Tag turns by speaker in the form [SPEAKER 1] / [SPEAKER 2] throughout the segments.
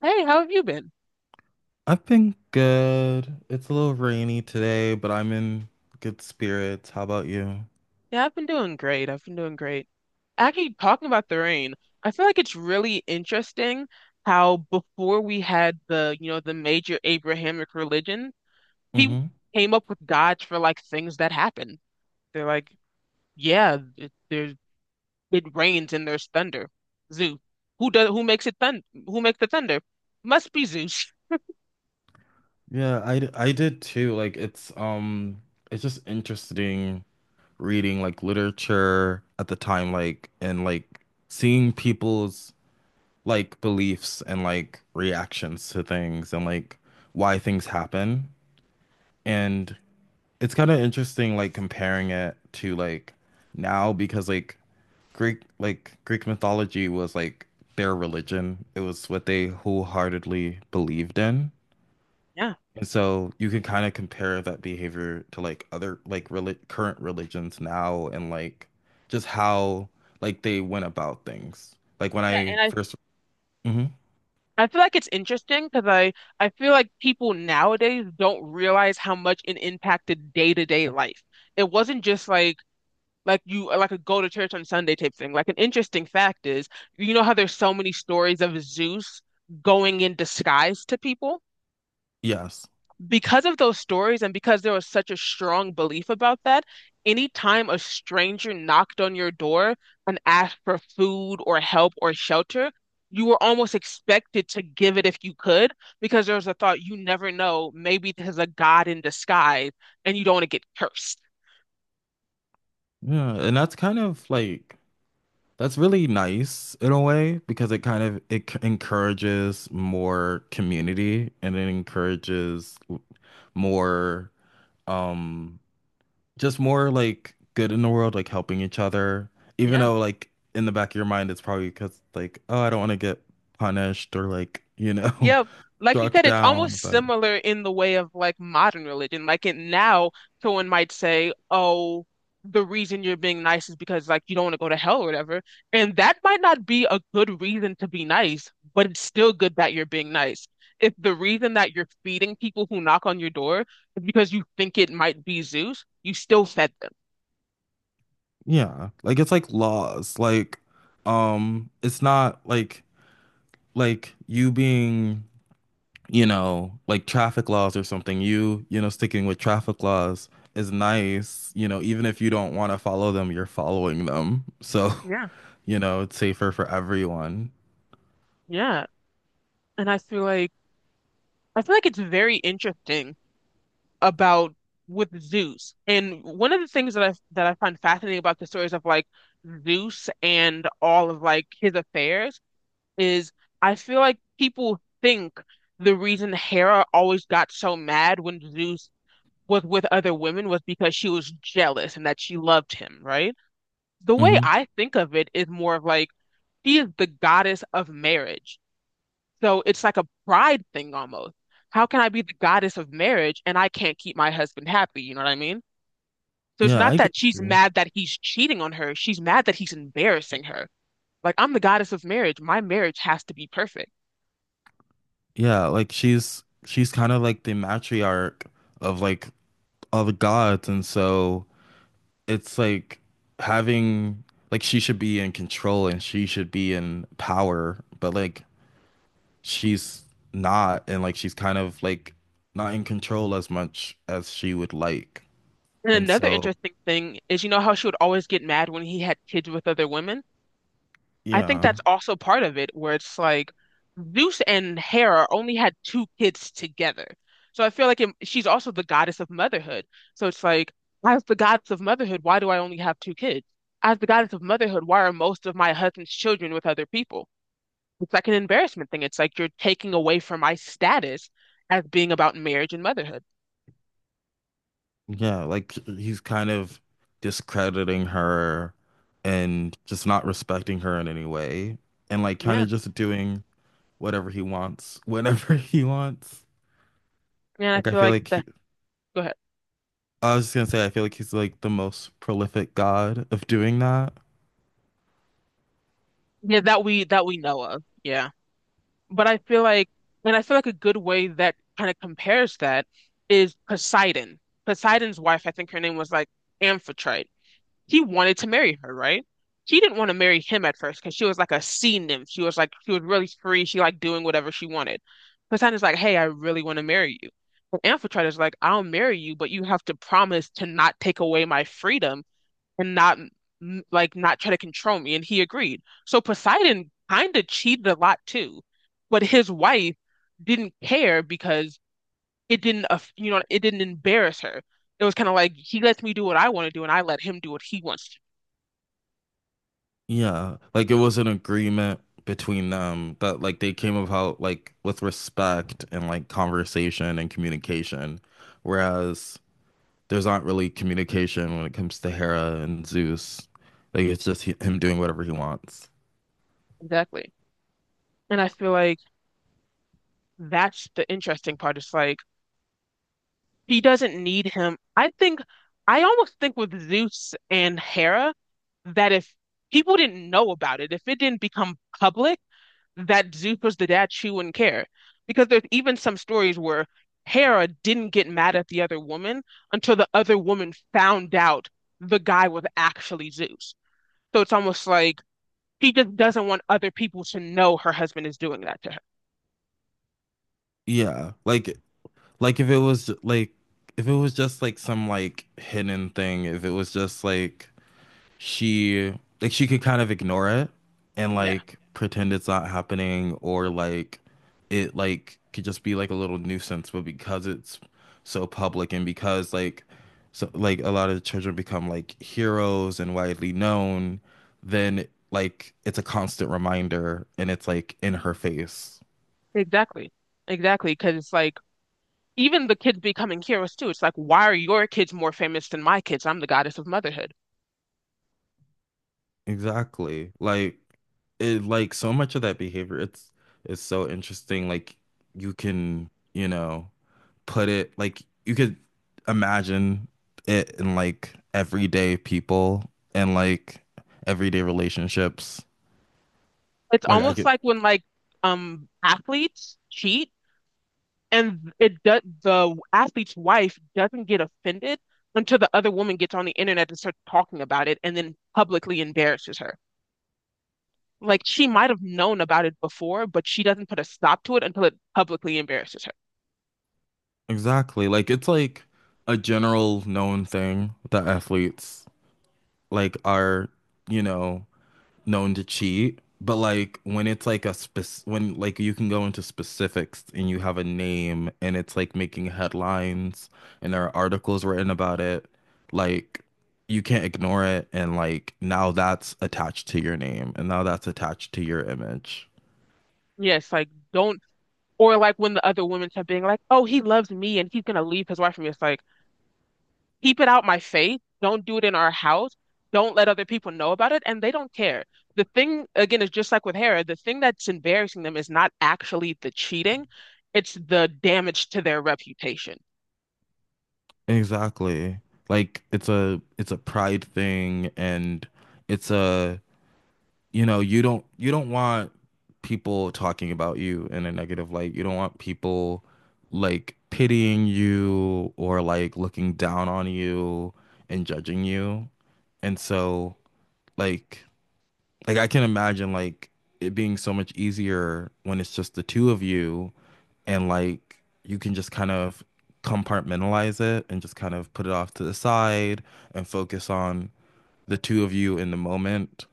[SPEAKER 1] Hey, how have you been?
[SPEAKER 2] I've been good. It's a little rainy today, but I'm in good spirits. How about you?
[SPEAKER 1] Yeah, I've been doing great. Actually, talking about the rain, I feel like it's really interesting how before we had the the major Abrahamic religion, people
[SPEAKER 2] Hmm.
[SPEAKER 1] came up with gods for like things that happen. They're like, yeah, it, there's it rains and there's thunder. Zeus. Who makes it thund who makes the thunder? Must be Zeus.
[SPEAKER 2] Yeah, I did too. Like it's just interesting reading, like, literature at the time, like, and like seeing people's, like, beliefs and, like, reactions to things, and, like, why things happen. And it's kind of interesting, like, comparing it to, like, now, because, like, Greek mythology was, like, their religion. It was what they wholeheartedly believed in.
[SPEAKER 1] Yeah.
[SPEAKER 2] And so you can kind of compare that behavior to, like, other, like, reli current religions now, and, like, just how, like, they went about things. Like when
[SPEAKER 1] Yeah,
[SPEAKER 2] I
[SPEAKER 1] and
[SPEAKER 2] 1st. Hmm.
[SPEAKER 1] I feel like it's interesting I feel like people nowadays don't realize how much it impacted day-to-day life. It wasn't just like you like a go to church on Sunday type thing. Like an interesting fact is, you know how there's so many stories of Zeus going in disguise to people?
[SPEAKER 2] Yes.
[SPEAKER 1] Because of those stories and because there was such a strong belief about that, anytime a stranger knocked on your door and asked for food or help or shelter, you were almost expected to give it if you could, because there was a thought, you never know, maybe there's a god in disguise and you don't want to get cursed.
[SPEAKER 2] Yeah, and that's kind of like, that's really nice in a way, because it kind of, encourages more community, and it encourages more, um just more, like, good in the world, like, helping each other, even
[SPEAKER 1] Yeah.
[SPEAKER 2] though, like, in the back of your mind, it's probably because, like, oh, I don't want to get punished or, like,
[SPEAKER 1] Yeah, like you
[SPEAKER 2] struck
[SPEAKER 1] said, it's
[SPEAKER 2] down,
[SPEAKER 1] almost
[SPEAKER 2] but
[SPEAKER 1] similar in the way of like modern religion. Like it now, someone might say, "Oh, the reason you're being nice is because like you don't want to go to hell or whatever," and that might not be a good reason to be nice, but it's still good that you're being nice. If the reason that you're feeding people who knock on your door is because you think it might be Zeus, you still fed them.
[SPEAKER 2] yeah, like, it's like laws. Like, it's not like, like you being, like traffic laws or something. Sticking with traffic laws is nice, even if you don't want to follow them, you're following them, so
[SPEAKER 1] Yeah.
[SPEAKER 2] it's safer for everyone.
[SPEAKER 1] Yeah, and I feel like it's very interesting about with Zeus. And one of the things that I find fascinating about the stories of like Zeus and all of like his affairs is, I feel like people think the reason Hera always got so mad when Zeus was with other women was because she was jealous and that she loved him, right? The way
[SPEAKER 2] Hmm.
[SPEAKER 1] I think of it is more of like, she is the goddess of marriage. So it's like a pride thing almost. How can I be the goddess of marriage and I can't keep my husband happy? You know what I mean? So it's
[SPEAKER 2] Yeah,
[SPEAKER 1] not
[SPEAKER 2] I
[SPEAKER 1] that
[SPEAKER 2] get
[SPEAKER 1] she's
[SPEAKER 2] you.
[SPEAKER 1] mad that he's cheating on her. She's mad that he's embarrassing her. Like, I'm the goddess of marriage. My marriage has to be perfect.
[SPEAKER 2] Yeah, like she's kind of like the matriarch of, like, all the gods, and so it's like having, like, she should be in control and she should be in power, but like she's not, and like she's kind of like not in control as much as she would like.
[SPEAKER 1] And
[SPEAKER 2] And
[SPEAKER 1] another
[SPEAKER 2] so,
[SPEAKER 1] interesting thing is, you know how she would always get mad when he had kids with other women? I think
[SPEAKER 2] yeah.
[SPEAKER 1] that's also part of it, where it's like Zeus and Hera only had two kids together. So I feel like she's also the goddess of motherhood. So it's like, as the goddess of motherhood, why do I only have two kids? As the goddess of motherhood, why are most of my husband's children with other people? It's like an embarrassment thing. It's like you're taking away from my status as being about marriage and motherhood.
[SPEAKER 2] Yeah, like he's kind of discrediting her and just not respecting her in any way, and like kind
[SPEAKER 1] Yeah.
[SPEAKER 2] of just doing whatever he wants whenever he wants.
[SPEAKER 1] Yeah, I
[SPEAKER 2] Like I
[SPEAKER 1] feel
[SPEAKER 2] feel
[SPEAKER 1] like
[SPEAKER 2] like
[SPEAKER 1] the Go ahead.
[SPEAKER 2] I was just gonna say, I feel like he's, like, the most prolific god of doing that.
[SPEAKER 1] Yeah, that we know of. Yeah. But I feel like, and I feel like a good way that kind of compares that is Poseidon. Poseidon's wife, I think her name was like Amphitrite. He wanted to marry her, right? She didn't want to marry him at first because she was like a sea nymph. She was like, she was really free. She liked doing whatever she wanted. Poseidon's like, hey, I really want to marry you. But Amphitrite is like, I'll marry you, but you have to promise to not take away my freedom and not like not try to control me. And he agreed. So Poseidon kind of cheated a lot too, but his wife didn't care because it didn't, aff- you know, it didn't embarrass her. It was kind of like he lets me do what I want to do, and I let him do what he wants to.
[SPEAKER 2] Yeah, like it was an agreement between them that, like, they came about like with respect and, like, conversation and communication, whereas there's not really communication when it comes to Hera and Zeus. Like it's just him doing whatever he wants.
[SPEAKER 1] Exactly. And I feel like that's the interesting part. It's like he doesn't need him. I almost think with Zeus and Hera that if people didn't know about it, if it didn't become public that Zuko's the dad, she wouldn't care. Because there's even some stories where Hera didn't get mad at the other woman until the other woman found out the guy was actually Zeus. So it's almost like she just doesn't want other people to know her husband is doing that to her.
[SPEAKER 2] Yeah, like if it was like if it was just like some like hidden thing, if it was just like she she could kind of ignore it and
[SPEAKER 1] Yeah,
[SPEAKER 2] like pretend it's not happening, or like it like could just be like a little nuisance, but because it's so public and because like so like a lot of the children become like heroes and widely known, then like it's a constant reminder and it's like in her face.
[SPEAKER 1] exactly. Exactly. Because it's like, even the kids becoming heroes too. It's like, why are your kids more famous than my kids? I'm the goddess of motherhood.
[SPEAKER 2] Exactly, like so much of that behavior, it's so interesting, like you can, you know, put it, like, you could imagine it in, like, everyday people and, like, everyday relationships.
[SPEAKER 1] It's
[SPEAKER 2] Like I
[SPEAKER 1] almost
[SPEAKER 2] could.
[SPEAKER 1] like when like athletes cheat and it does the athlete's wife doesn't get offended until the other woman gets on the internet and starts talking about it and then publicly embarrasses her. Like she might have known about it before, but she doesn't put a stop to it until it publicly embarrasses her.
[SPEAKER 2] Exactly, like it's like a general known thing that athletes, like, are, you know, known to cheat, but like when it's like a spec when like you can go into specifics and you have a name, and it's like making headlines and there are articles written about it, like you can't ignore it, and like now that's attached to your name, and now that's attached to your image.
[SPEAKER 1] Yes, like don't, or like when the other women start being like, "Oh, he loves me and he's gonna leave his wife for me." It's like, keep it out my face. Don't do it in our house. Don't let other people know about it. And they don't care. The thing, again, is just like with Hera, the thing that's embarrassing them is not actually the cheating, it's the damage to their reputation.
[SPEAKER 2] Exactly. Like it's a pride thing, and it's a, you know, you don't want people talking about you in a negative light. You don't want people like pitying you or like looking down on you and judging you. And so, like like I can imagine, like, it being so much easier when it's just the two of you, and like you can just kind of compartmentalize it and just kind of put it off to the side and focus on the two of you in the moment,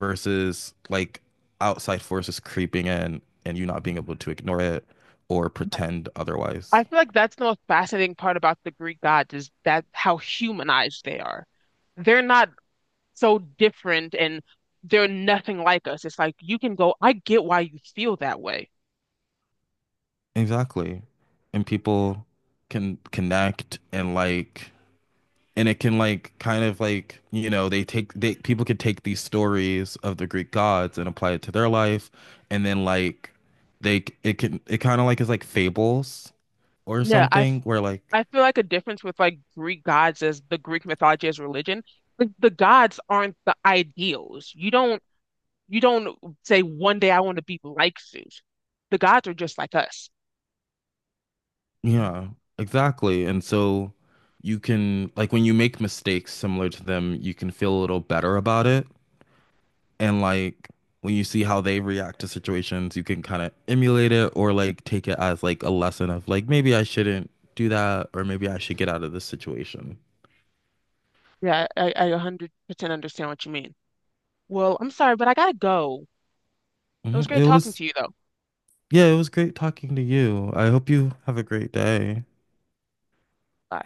[SPEAKER 2] versus, like, outside forces creeping in, and you not being able to ignore it or pretend
[SPEAKER 1] I
[SPEAKER 2] otherwise.
[SPEAKER 1] feel like that's the most fascinating part about the Greek gods is that how humanized they are. They're not so different and they're nothing like us. It's like you can go, I get why you feel that way.
[SPEAKER 2] Exactly. And people can connect, and like, and it can, like, kind of like, you know, they take they people could take these stories of the greek gods and apply it to their life, and then like they it can it kind of like is like fables or
[SPEAKER 1] Yeah,
[SPEAKER 2] something, where like,
[SPEAKER 1] I feel like a difference with like Greek gods is the Greek mythology as religion. Like the gods aren't the ideals. You don't say one day I want to be like Zeus. The gods are just like us.
[SPEAKER 2] yeah, exactly. And so you can, like, when you make mistakes similar to them, you can feel a little better about it. And, like, when you see how they react to situations, you can kind of emulate it or, like, take it as, like, a lesson of, like, maybe I shouldn't do that or maybe I should get out of this situation.
[SPEAKER 1] I 100% understand what you mean. Well, I'm sorry, but I gotta go. It was
[SPEAKER 2] Mhm.
[SPEAKER 1] great
[SPEAKER 2] It
[SPEAKER 1] talking
[SPEAKER 2] was,
[SPEAKER 1] to you though.
[SPEAKER 2] yeah, it was great talking to you. I hope you have a great day.
[SPEAKER 1] Bye.